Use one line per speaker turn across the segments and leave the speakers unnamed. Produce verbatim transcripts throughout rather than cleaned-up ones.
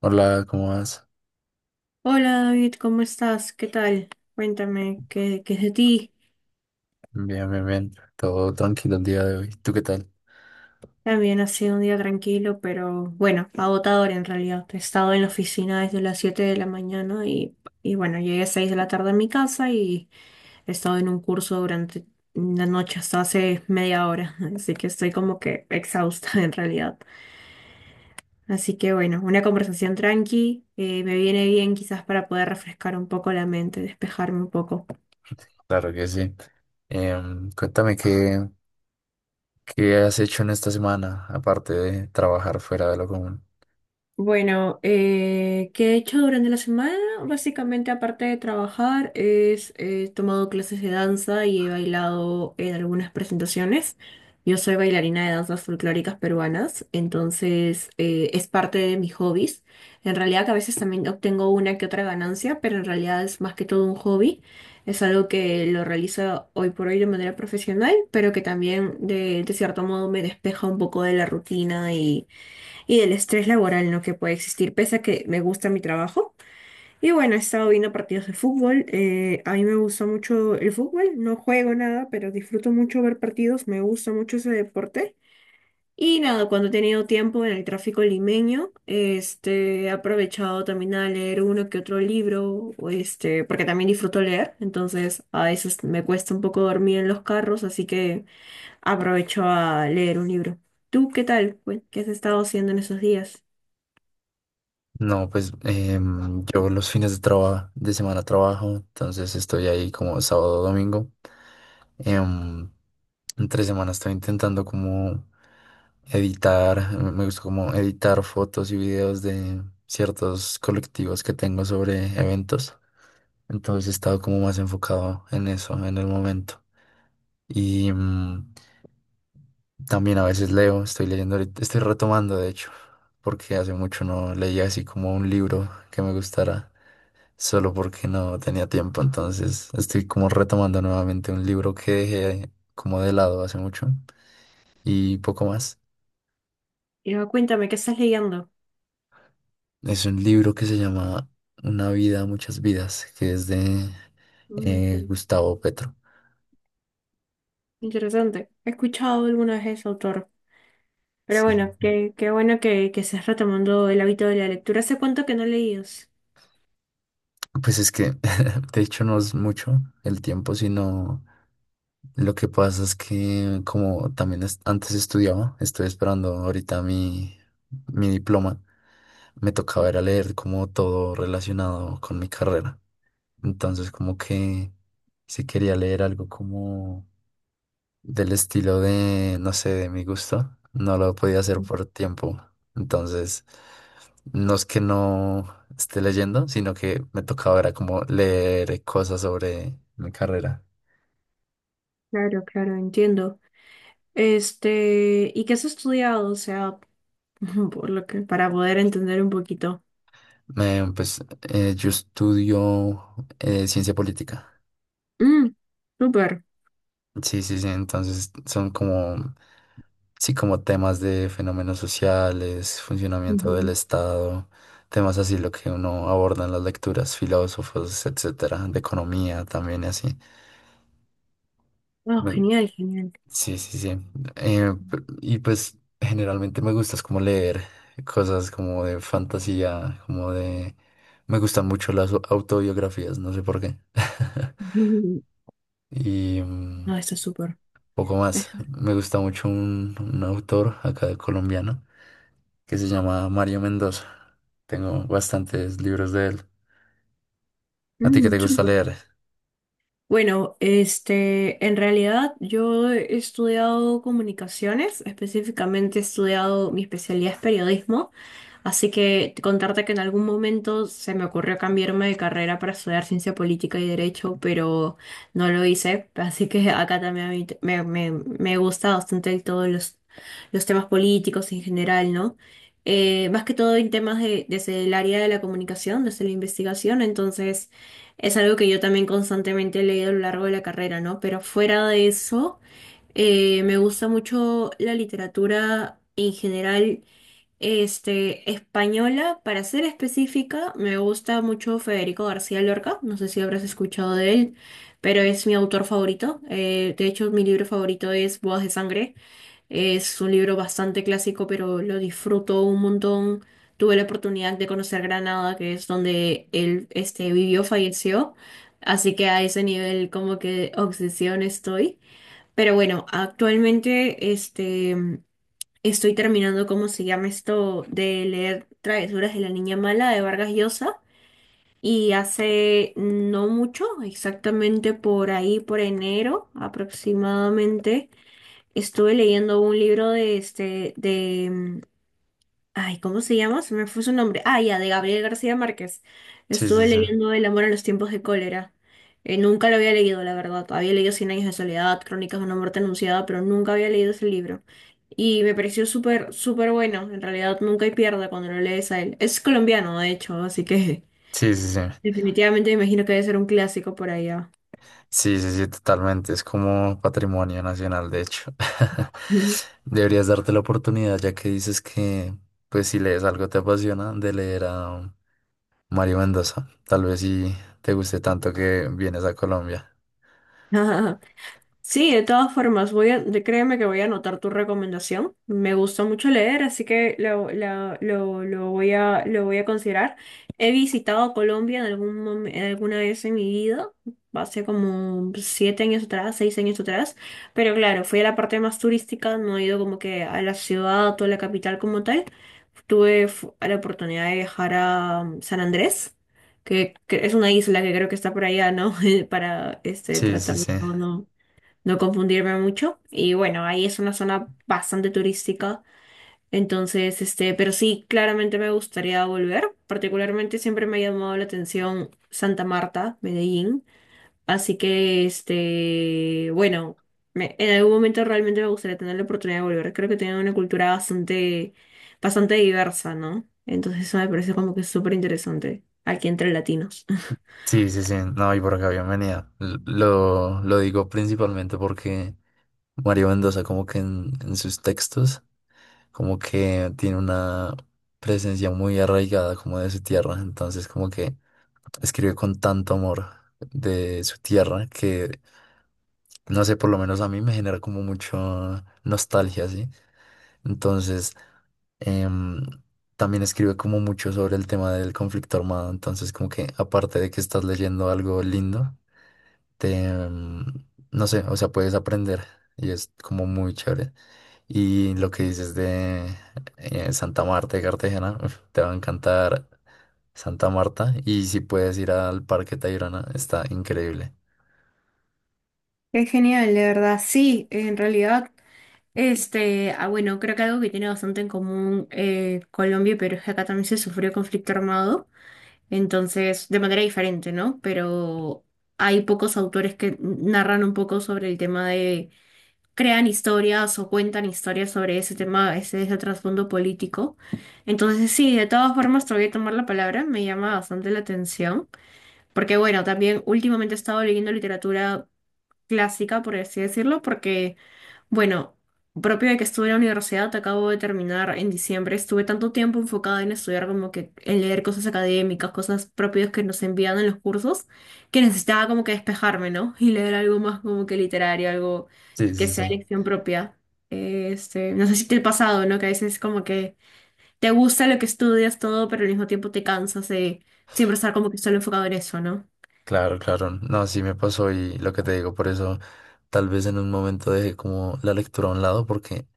Hola, ¿cómo vas?
Hola David, ¿cómo estás? ¿Qué tal? Cuéntame, ¿qué, qué es de ti?
Bien, bien, bien. Todo tranquilo el día de hoy. ¿Tú qué tal?
También ha sido un día tranquilo, pero bueno, agotador en realidad. He estado en la oficina desde las siete de la mañana y, y bueno, llegué a seis de la tarde a mi casa y he estado en un curso durante la noche hasta hace media hora, así que estoy como que exhausta en realidad. Así que bueno, una conversación tranqui, eh, me viene bien quizás para poder refrescar un poco la mente, despejarme un poco.
Claro que sí. Em, cuéntame qué, qué has hecho en esta semana, aparte de trabajar fuera de lo común.
Bueno, eh, ¿qué he hecho durante la semana? Básicamente, aparte de trabajar, es, eh, he tomado clases de danza y he bailado en algunas presentaciones. Yo soy bailarina de danzas folclóricas peruanas, entonces eh, es parte de mis hobbies. En realidad que a veces también obtengo una que otra ganancia, pero en realidad es más que todo un hobby. Es algo que lo realizo hoy por hoy de manera profesional, pero que también de de cierto modo me despeja un poco de la rutina y y del estrés laboral, ¿no? Que puede existir, pese a que me gusta mi trabajo. Y bueno, he estado viendo partidos de fútbol. Eh, a mí me gusta mucho el fútbol, no juego nada, pero disfruto mucho ver partidos, me gusta mucho ese deporte. Y nada, cuando he tenido tiempo en el tráfico limeño, este, he aprovechado también a leer uno que otro libro, o este, porque también disfruto leer, entonces a veces me cuesta un poco dormir en los carros, así que aprovecho a leer un libro. ¿Tú qué tal? Cuen- ¿Qué has estado haciendo en esos días?
No, pues em, yo los fines de trabajo, de semana trabajo, entonces estoy ahí como sábado, domingo. Em, en tres semanas estoy intentando como editar, me gusta como editar fotos y videos de ciertos colectivos que tengo sobre eventos. Entonces he estado como más enfocado en eso en el momento. Y mm, también a veces leo, estoy leyendo, ahorita- estoy retomando de hecho, porque hace mucho no leía así como un libro que me gustara, solo porque no tenía tiempo. Entonces estoy como retomando nuevamente un libro que dejé como de lado hace mucho y poco más.
Y ah, cuéntame, ¿qué estás leyendo?
Es un libro que se llama Una vida, muchas vidas, que es de
Mm,
eh,
inter-
Gustavo Petro.
interesante. He escuchado alguna vez ese autor. Pero
Sí.
bueno, qué, qué bueno que, que estés retomando el hábito de la lectura. ¿Hace cuánto que no leías?
Pues es que, de hecho, no es mucho el tiempo, sino lo que pasa es que como también es- antes estudiaba, estoy esperando ahorita mi, mi diploma, me tocaba ir a leer como todo relacionado con mi carrera. Entonces, como que si quería leer algo como del estilo de, no sé, de mi gusto, no lo podía hacer por tiempo. Entonces, no es que no esté leyendo, sino que me tocaba era como leer cosas sobre mi carrera.
Claro, claro, entiendo. Este, ¿y qué has estudiado? O sea, por lo que, para poder entender un poquito.
Me, pues eh, yo estudio eh, ciencia política.
Mm, súper.
Sí, sí, sí. Entonces son como, sí, como temas de fenómenos sociales, funcionamiento del
Ujú.
Estado, temas así lo que uno aborda en las lecturas, filósofos, etcétera, de economía también y así.
Oh,
Me-
genial, genial.
Sí, sí, sí. Eh, p- y pues generalmente me gusta es como leer cosas como de fantasía, como de... Me gustan mucho las autobiografías, no sé por qué.
Ujú.
y mm,
No, está súper.
poco más.
Es-
Me gusta mucho un, un autor acá colombiano que se llama Mario Mendoza. Tengo bastantes libros de él. ¿A ti qué
Mm,
te gusta
súper.
leer?
Bueno, este, en realidad yo he estudiado comunicaciones, específicamente he estudiado, mi especialidad es periodismo. Así que contarte que en algún momento se me ocurrió cambiarme de carrera para estudiar ciencia política y derecho, pero no lo hice. Así que acá también a mí t- me, me, me gusta bastante todos los, los temas políticos en general, ¿no? Eh, más que todo en temas de, desde el área de la comunicación, desde la investigación, entonces es algo que yo también constantemente he leído a lo largo de la carrera, ¿no? Pero fuera de eso... Eh, me gusta mucho la literatura en general este, española, para ser específica, me gusta mucho Federico García Lorca, no sé si habrás escuchado de él, pero es mi autor favorito. Eh, de hecho, mi libro favorito es Bodas de Sangre. Es un libro bastante clásico, pero lo disfruto un montón. Tuve la oportunidad de conocer Granada, que es donde él, este, vivió, falleció, así que a ese nivel como que de obsesión estoy. Pero bueno, actualmente, este... Estoy terminando, ¿cómo se llama esto? De leer Travesuras de la Niña Mala de Vargas Llosa. Y hace no mucho, exactamente por ahí, por enero aproximadamente, estuve leyendo un libro de este, de ay, ¿cómo se llama? Se me fue su nombre. Ah, ya, de Gabriel García Márquez.
Sí, sí,
Estuve
sí.
leyendo El amor en los tiempos de cólera. Eh, nunca lo había leído, la verdad. Había leído Cien años de soledad, Crónicas de una muerte anunciada, pero nunca había leído ese libro. Y me pareció súper, súper bueno. En realidad, nunca hay pierde cuando lo lees a él. Es colombiano, de hecho, así que
Sí, sí, sí.
definitivamente me imagino que debe ser un clásico por allá.
Sí, sí, sí, totalmente. Es como patrimonio nacional, de hecho. Deberías darte la oportunidad, ya que dices que, pues, si lees algo te apasiona, de leer a Mario Mendoza. Tal vez si te guste tanto que vienes a Colombia.
Sí, de todas formas, voy a, de- créeme que voy a anotar tu recomendación. Me gusta mucho leer, así que lo, la- lo, lo voy a, lo voy a considerar. He visitado Colombia en algún momen- en alguna vez en mi vida, hace como siete años atrás, seis años atrás, pero claro, fui a la parte más turística, no he ido como que a la ciudad o a la capital como tal. Tuve fu- la oportunidad de viajar a um, San Andrés. Que, que es una isla que creo que está por allá, ¿no? Para este
Sí, sí,
tratar, no,
sí.
no no confundirme mucho. Y bueno, ahí es una zona bastante turística. Entonces, este, pero sí, claramente me gustaría volver. Particularmente siempre me ha llamado la atención Santa Marta, Medellín. Así que, este, bueno, me- en algún momento realmente me gustaría tener la oportunidad de volver. Creo que tienen una cultura bastante, bastante diversa, ¿no? Entonces eso me parece como que súper interesante aquí entre latinos.
Sí, sí, sí. No, y por acá, bienvenida. L- Lo, lo digo principalmente porque Mario Mendoza, como que en, en sus textos, como que tiene una presencia muy arraigada como de su tierra. Entonces, como que escribe con tanto amor de su tierra que, no sé, por lo menos a mí me genera como mucho nostalgia, ¿sí? Entonces, em, también escribe como mucho sobre el tema del conflicto armado, entonces como que aparte de que estás leyendo algo lindo, te, mm, no sé, o sea, puedes aprender y es como muy chévere. Y lo que dices de eh, Santa Marta de Cartagena, uf, te va a encantar Santa Marta. Y si puedes ir al Parque Tayrona, está increíble.
Qué genial, de verdad. Sí, en realidad. Este, ah, bueno, creo que algo que tiene bastante en común eh, Colombia y Perú es que acá también se sufrió conflicto armado, entonces, de manera diferente, ¿no? Pero hay pocos autores que narran un poco sobre el tema de, crean historias o cuentan historias sobre ese tema, ese, ese trasfondo político. Entonces, sí, de todas formas, te voy a tomar la palabra, me llama bastante la atención, porque bueno, también últimamente he estado leyendo literatura clásica, por así decirlo, porque... Bueno, propio de que estuve en la universidad, acabo de terminar en diciembre. Estuve tanto tiempo enfocada en estudiar como que en leer cosas académicas, cosas propias que nos envían en los cursos, que necesitaba como que despejarme, ¿no? Y leer algo más como que literario, algo
Sí,
que
sí,
sea
sí.
elección propia. Este, no sé si te ha pasado, ¿no? Que a veces como que te gusta lo que estudias todo, pero al mismo tiempo te cansas de siempre estar como que solo enfocado en eso, ¿no?
Claro, claro. No, sí me pasó y lo que te digo, por eso tal vez en un momento dejé como la lectura a un lado, porque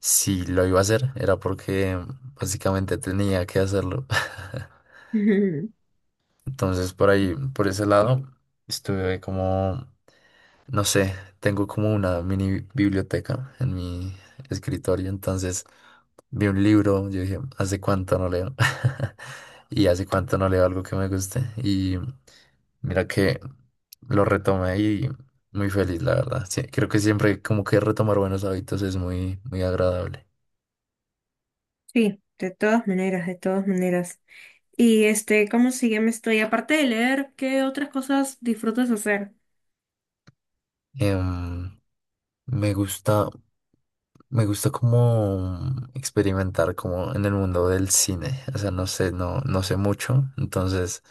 si lo iba a hacer era porque básicamente tenía que hacerlo. Entonces, por
Ujú.
ahí, por ese lado, estuve como, no sé, tengo como una mini biblioteca en mi escritorio, entonces vi un libro, yo dije, ¿hace cuánto no leo? Y hace cuánto no leo algo que me guste. Y mira que lo retomé y muy feliz, la verdad. Sí, creo que siempre como que retomar buenos hábitos es muy, muy agradable.
Sí, de todas maneras, de todas maneras. Y este, ¿cómo sigue? Me estoy, aparte de leer, ¿qué otras cosas disfrutas hacer?
Em, Me gusta, me gusta como experimentar como en el mundo del cine. O sea, no sé, no, no sé mucho. Entonces,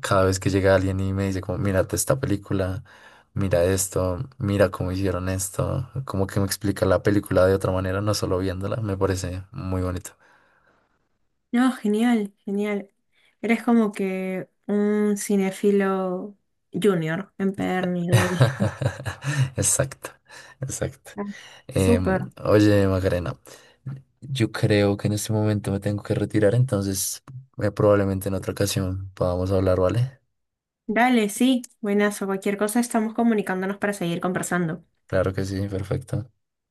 cada vez que llega alguien y me dice como, mírate esta película, mira esto, mira cómo hicieron esto, como que me explica la película de otra manera, no solo viéndola, me parece muy bonito.
No, genial, genial. Eres como que un cinefilo junior, empedernido ahí.
Exacto, exacto.
Ah,
Em,
súper.
oye, Macarena, yo creo que en este momento me tengo que retirar, entonces eh, probablemente en otra ocasión podamos hablar, ¿vale?
Dale, sí, buenazo. Cualquier cosa estamos comunicándonos para seguir conversando.
Claro que sí, perfecto.